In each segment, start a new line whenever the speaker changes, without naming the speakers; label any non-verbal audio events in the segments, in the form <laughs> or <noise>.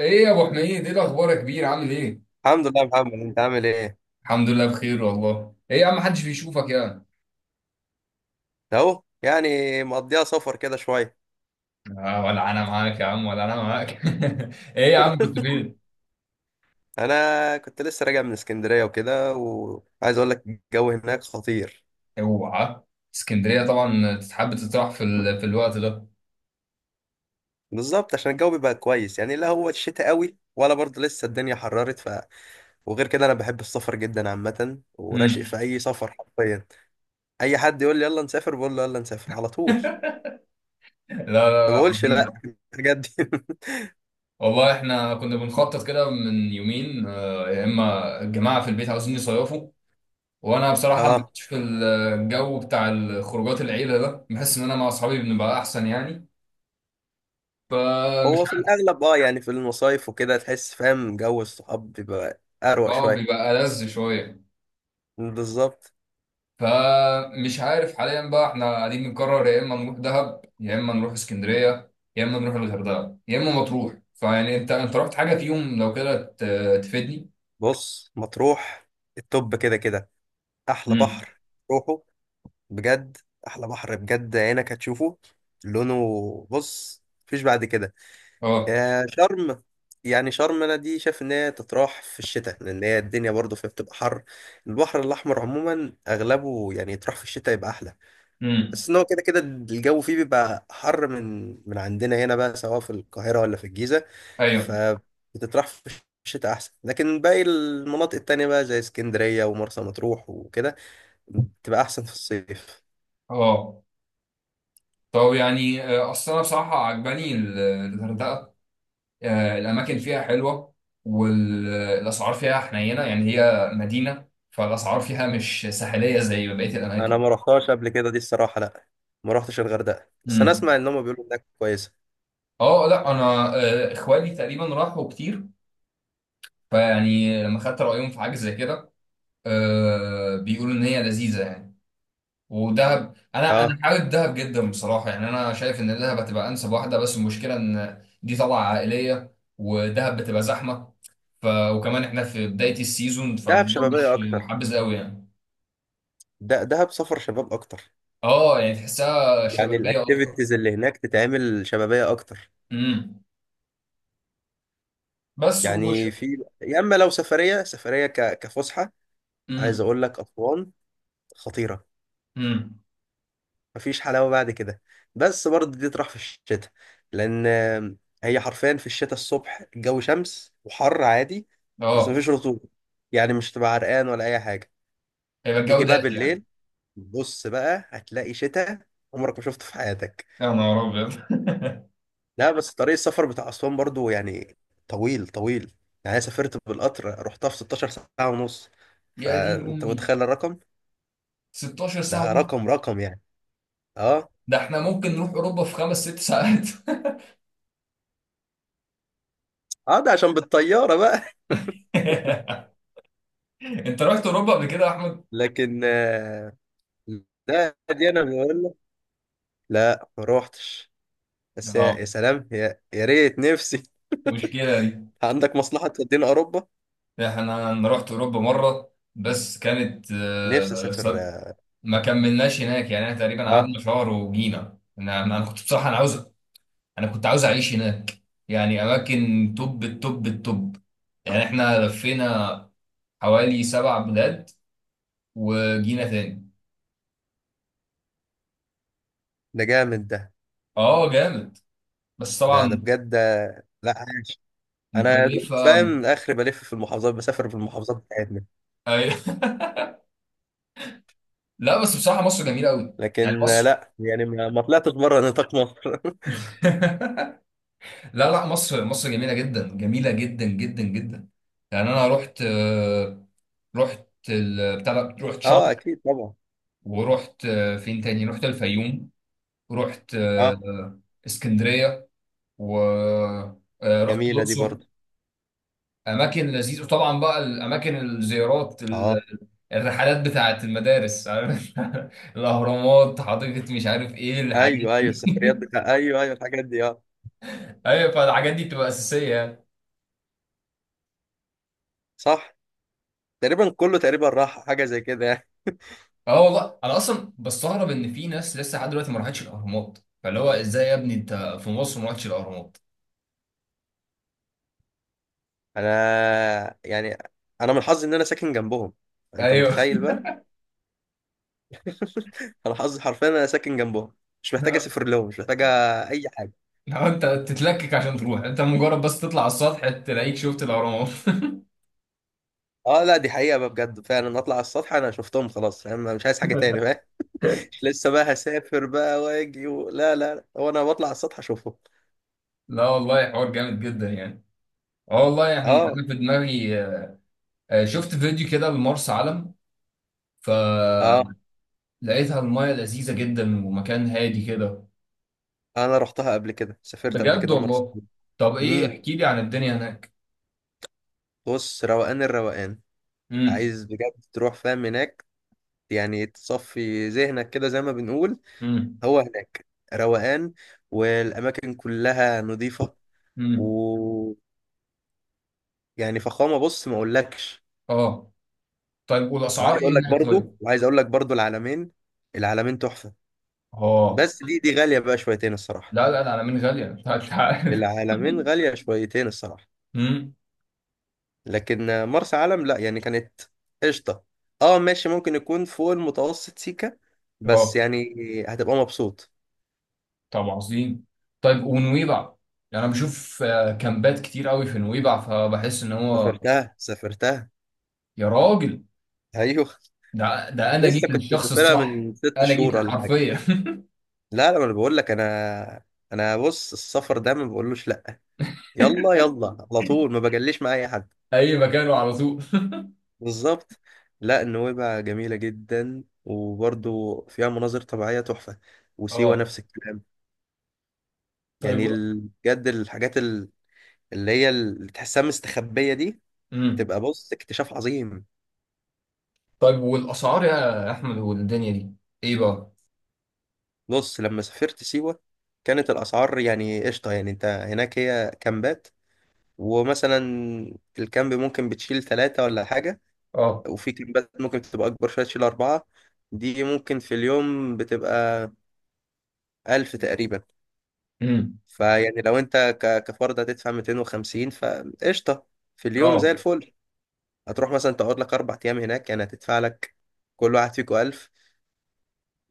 ايه يا ابو حميد، ايه الاخبار يا كبير، عامل ايه؟
الحمد لله يا محمد، انت عامل ايه؟
الحمد لله بخير والله. ايه يا عم محدش بيشوفك يا عم؟
اهو يعني. مقضيها سفر كده شويه.
آه، ولا انا معاك يا عم ولا انا معاك. <laughs> ايه يا عم كنت فين؟
انا كنت لسه راجع من اسكندريه وكده، وعايز اقول لك الجو هناك خطير.
اوعى. اسكندريه طبعا تتحب تطرح في الوقت ده.
بالظبط. عشان الجو بيبقى كويس يعني، لا هو الشتاء قوي ولا برضه لسه الدنيا حررت. وغير كده انا بحب السفر جدا عامه، وراشق
مم.
في اي سفر حرفيا. اي حد يقول لي يلا نسافر، بقول له يلا نسافر على طول.
<laughs> لا لا
ما
لا،
بقولش لا.
عارفين.
بجد. <laughs>
والله احنا كنا بنخطط كده من يومين، يا اما الجماعه في البيت عاوزين يصيفوا. وانا بصراحه ما
اه.
كنتش في الجو بتاع الخروجات العيله ده، بحس ان انا مع اصحابي بنبقى احسن يعني. فمش
هو في الاغلب، اه، يعني في المصايف وكده تحس فاهم، جو الصحاب بيبقى اروق
اه،
شويه.
بيبقى ألذ شويه.
بالظبط.
فمش عارف، حاليا بقى احنا قاعدين بنقرر يا اما نروح دهب يا اما نروح اسكندريه يا اما نروح الغردقه يا اما مطروح. فيعني انت رحت حاجه فيهم لو كده، تفيدني.
بص مطروح التوب كده كده، احلى
امم.
بحر. روحه. بجد. احلى بحر بجد، عينك هتشوفه. لونه، بص مفيش بعد كده.
اه.
يا شرم. يعني شرم انا دي شايف ان هي تتراح في الشتاء، لان هي الدنيا برضو فيها بتبقى حر. البحر الاحمر عموما اغلبه يعني يتراح في الشتاء يبقى احلى.
امم.
بس ان هو كده كده الجو فيه بيبقى حر من عندنا هنا بقى، سواء في القاهرة ولا في الجيزة.
ايوه.
فبتطرح في الشتاء احسن، لكن باقي المناطق التانية بقى زي اسكندرية ومرسى مطروح وكده. بتبقى احسن في الصيف.
اه. طب يعني، اصل انا بصراحه عجباني الغردقه. الاماكن فيها حلوه. والاسعار فيها حنينه، يعني هي مدينه فالاسعار فيها مش ساحليه زي بقيه
انا
الاماكن.
ما رحتهاش قبل كده دي الصراحة، لا ما رحتش الغردقة، بس انا
امم.
اسمع ان هم بيقولوا انها كويسة.
اه لا انا، اخوالي تقريبا راحوا كتير. فيعني لما خدت رأيهم في حاجة زي كده، آه بيقولوا إن هي لذيذة يعني. ودهب، أنا
اه.
حابب دهب جدا بصراحة. يعني أنا شايف إن دهب هتبقى أنسب واحدة، بس المشكلة إن دي طلعة عائلية ودهب بتبقى زحمة. وكمان إحنا في بداية السيزون،
دهب
فالموضوع
شبابية
مش
اكتر.
محبذ قوي يعني.
ده دهب سفر شباب اكتر.
أه يعني تحسها
يعني
شبابية أكتر.
الاكتيفيتيز اللي هناك تتعمل شبابية اكتر.
امم. بس
يعني في، يا اما لو سفرية سفرية كفسحة. عايز
امم.
اقول لك اسوان. خطيره.
امم.
مفيش حلاوه بعد كده. بس برضه دي تروح في الشتاء. لان هي حرفيا في الشتاء الصبح الجو شمس وحر عادي. بس
أه،
مفيش رطوبه، يعني مش تبقى عرقان ولا اي حاجه.
هيبقى الجو
تيجي بقى
دافي يعني.
بالليل، بص بقى هتلاقي شتاء عمرك ما شفته في حياتك.
يا نهار أبيض.
لا بس طريق السفر بتاع اسوان برضه يعني، طويل طويل. يعني أنا سافرت بالقطر، رحتها في 16 ساعه ونص.
<laughs> يا دين
فانت
أمي.
متخيل الرقم؟
16 ساعة
ده
ونص.
رقم رقم يعني. اه.
ده احنا ممكن نروح اوروبا في خمس ست ساعات. <laughs>
اه ده عشان بالطياره بقى.
انت رحت اوروبا قبل كده يا احمد؟
لكن لا دي انا بقول لك، لا ما روحتش. بس يا
اه.
يا سلام، يا ريت نفسي.
مشكله دي.
<laughs> عندك مصلحة تودينا اوروبا؟
انا رحت اوروبا مره، بس كانت
نفسي اسافر، اه.
ما كملناش هناك يعني. احنا تقريبا
آه،
قعدنا شهر وجينا. انا انا أنا كنت بصراحه انا كنت عاوز اعيش هناك. يعني اماكن توب التوب التوب. يعني احنا لفينا حوالي سبع بلاد وجينا تاني.
ده جامد ده.
اه جامد، بس
ده
طبعا
بجد. لا عايش. انا يا دوب
مكلفه
فاهم اخري بلف في المحافظات، بسافر في المحافظات بتاعتنا.
أيوة. <laughs> لا بس بصراحه مصر جميله قوي. يعني
لكن
مصر.
لا يعني ما طلعتش بره نطاق مصر. <laughs>
<laughs> لا لا، مصر مصر جميله جدا، جميله جدا جدا جدا. يعني انا رحت، رحت بتاع ده، رحت شرم.
اه اكيد طبعا.
ورحت، فين تاني، رحت الفيوم. رحت،
اه.
اسكندريه. ورحت
جميلة دي
الاقصر.
برضه.
اماكن لذيذه. وطبعا بقى الاماكن الزيارات
اه.
الرحلات بتاعت المدارس، عارف، <laughs> الاهرامات، حديقه، مش عارف ايه الحاجات
ايوه ايوه
دي.
السفريات بتاع، ايوه ايوه الحاجات دي، اه.
<laughs> ايوه، فالحاجات دي بتبقى اساسيه يعني.
صح. تقريبا كله تقريبا راح حاجة زي كده يعني.
اه والله انا اصلا بستغرب ان في ناس لسه لحد دلوقتي ما راحتش الاهرامات، فاللي هو ازاي يا ابني انت في مصر ما راحتش الاهرامات؟
انا يعني، انا من حظي ان انا ساكن جنبهم. انت
ايوه. <laughs>
متخيل بقى؟ <laughs> انا حظي حرفيا، انا ساكن جنبهم. مش محتاج
لا.
اسافر لهم، مش محتاج. اي حاجه.
لا، انت تتلكك عشان تروح، انت مجرد بس تطلع على السطح تلاقيك شفت الاهرامات. <laughs>
اه لا دي حقيقه بقى بجد، فعلا اطلع على السطح انا شفتهم خلاص فاهم، أنا مش عايز حاجه تاني بقى. مش لسه بقى هسافر بقى واجي لا لا لا. هو انا بطلع على السطح اشوفهم.
لا والله حوار جامد جدا يعني. اه والله، يعني
اه.
انا في دماغي شفت فيديو كده لمرسى علم،
اه.
فلقيتها المايه لذيذه جدا ومكان هادي كده.
انا رحتها قبل كده، سافرت قبل
بجد
كده مره.
والله؟ طب ايه،
امم.
احكي لي عن الدنيا هناك.
بص روقان الروقان.
امم.
عايز بجد تروح فاهم هناك. يعني تصفي ذهنك كده زي ما بنقول.
امم.
هو هناك روقان. والاماكن كلها نظيفه.
امم.
ويعني فخامه بص ما اقولكش.
اه. طيب والاسعار ايه هناك طيب؟
وعايز اقول لك برضو العلمين. العلمين تحفه.
اه،
بس دي غاليه بقى شويتين الصراحه.
لا لا لا، انا من غاليه أنت. عارف.
العلمين غاليه شويتين الصراحه.
<laughs> امم.
لكن مرسى علم لا يعني كانت قشطه. اه ماشي ممكن يكون فوق المتوسط سيكه. بس
اه.
يعني هتبقى مبسوط.
طب عظيم. طيب ونويبع، يعني انا بشوف كامبات كتير قوي في نويبع فبحس ان هو.
سافرتها سافرتها.
يا راجل.
<laughs> ايوه.
ده انا
لسه
جيت
كنت
للشخص
مسافرها
الصح،
من ست
انا جيت
شهور ولا حاجه.
لحرفيا.
لا لا ما انا بقول لك انا بص السفر ده، ما بقولوش لا. يلا يلا على طول، ما بجليش مع اي حد.
<laughs> اي مكان وعلى طول.
بالظبط. لا النويبع جميلة جدا وبرضو فيها مناظر طبيعية تحفة. وسيوة
اه
نفس الكلام.
طيب.
يعني بجد الحاجات اللي تحسها مستخبية دي.
امم.
بتبقى بص، اكتشاف عظيم.
طيب والاسعار يا احمد والدنيا دي ايه بقى؟
بص لما سافرت سيوة، كانت الأسعار يعني قشطة، يعني انت هناك هي كامبات. ومثلا الكامب ممكن بتشيل ثلاثة ولا حاجة.
اه.
وفي كليبات ممكن بتبقى أكبر شوية تشيل أربعة. دي ممكن في اليوم بتبقى 1000 تقريبا.
امم.
فيعني لو أنت كفرد هتدفع 250 فقشطة. في اليوم زي
اه.
الفل. هتروح مثلا تقعد لك 4 أيام هناك، يعني هتدفع لك كل واحد فيكو 1000.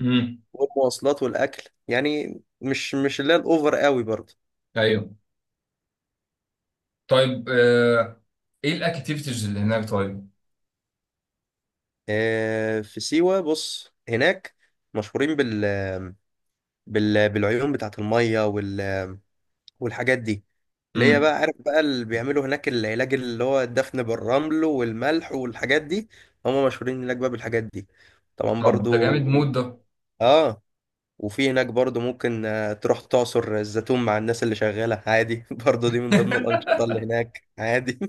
امم.
والمواصلات والأكل يعني مش اللي هي الأوفر قوي برضه.
ايوه. طيب، ايه الاكتيفيتيز اللي هناك طيب؟
في سيوة بص هناك مشهورين بالعيون بتاعت المية والحاجات دي. اللي هي
امم.
بقى عارف بقى، اللي بيعملوا هناك العلاج، اللي هو الدفن بالرمل والملح والحاجات دي. هم مشهورين هناك بقى بالحاجات دي. طبعا
طب ده
برضو.
جامد مود ده.
اه. وفي هناك برضو ممكن تروح تعصر الزيتون مع الناس اللي شغالة عادي. <laughs> برضو دي من ضمن الأنشطة اللي هناك عادي.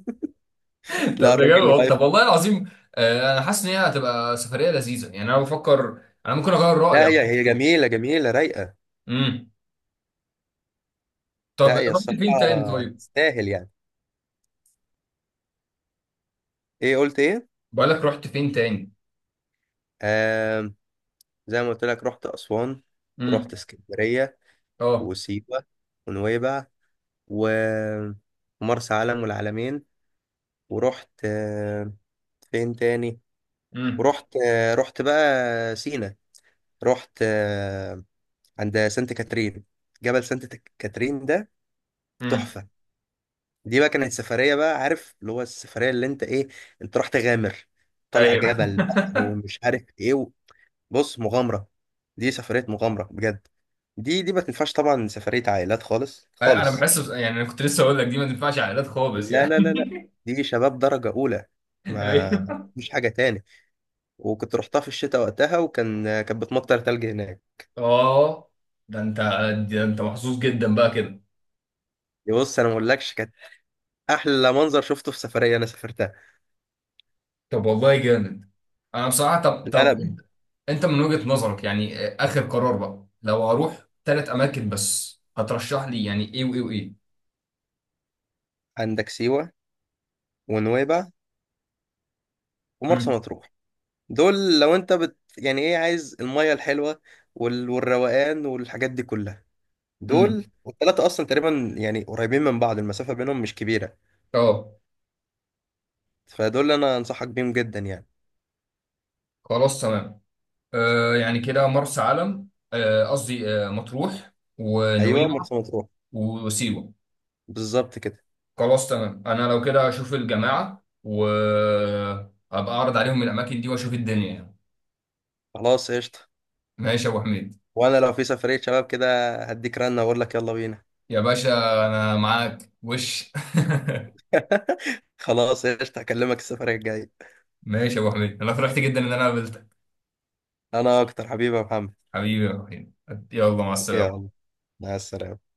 <laughs>
<laughs> لا
طب ده
الراجل
جامد
اللي
والله.
واقف.
طب والله العظيم، انا حاسس ان هي هتبقى سفريه لذيذه، يعني انا بفكر انا ممكن اغير رايي
لا هي
عن
هي
كده.
جميلة جميلة رايقة.
امم. طب
لا هي
رحت
الصراحة
فين تاني طيب؟
تستاهل يعني. ايه قلت ايه؟
بقالك رحت فين تاني؟
آه، زي ما قلت لك رحت أسوان. رحت
امم.
اسكندرية.
اه.
وسيوة. ونويبع. و- ومرسى علم والعلمين. ورحت فين تاني.
امم.
ورحت آه، رحت بقى سينا. رحت عند سانت كاترين. جبل سانت كاترين ده.
امم.
تحفة. دي بقى كانت سفرية بقى عارف، اللي هو السفرية اللي انت ايه. انت رحت غامر. طالع
ايوه.
جبل بقى
<laughs>
ومش عارف ايه بص مغامرة. دي سفرية مغامرة بجد. دي ما تنفعش طبعا سفرية عائلات خالص
انا
خالص.
بحس، يعني انا كنت لسه اقول لك دي ما تنفعش عائلات خالص
لا
يعني.
لا لا لا.
<laughs>
دي شباب درجة أولى. ما.
ايوه.
مش حاجة تاني. وكنت رحتها في الشتاء وقتها وكان كانت بتمطر تلج هناك.
اه. ده انت ده انت محظوظ جدا بقى كده.
بص أنا ما أقولكش، كانت أحلى منظر شفته في سفرية أنا سافرتها.
طب والله جامد. انا بصراحه طب
لا
طب
لا.
انت من وجهة نظرك، يعني اخر قرار بقى لو هروح ثلاث اماكن بس، هترشح لي يعني ايه وايه وايه؟
عندك سيوة. ونويبع. ومرسى
امم.
مطروح. دول لو أنت يعني إيه عايز المية الحلوة والروقان والحاجات دي كلها. دول
امم.
والتلاتة أصلا تقريبا يعني قريبين من بعض، المسافة بينهم مش كبيرة.
اه.
فدول أنا أنصحك بيهم جدا يعني.
خلاص تمام. آه يعني كده مرسى علم، قصدي مطروح،
أيوه
ونويبع،
مرسى مطروح.
وسيوة.
بالظبط كده.
خلاص تمام، انا لو كده اشوف الجماعة وابقى اعرض عليهم الاماكن دي واشوف الدنيا يعني.
خلاص قشطة.
ماشي يا ابو حميد.
وانا لو في سفرية شباب كده، هديك رنة واقول لك يلا بينا.
يا باشا. انا معاك
<laughs> خلاص قشطة، هكلمك السفرية الجاية.
<laughs> ماشي يا ابو حميد، انا فرحت جدا ان انا قابلتك.
انا اكتر، حبيبي يا محمد.
حبيبي يا ابو حميد. يلا مع السلامة.
يلا، مع السلامة.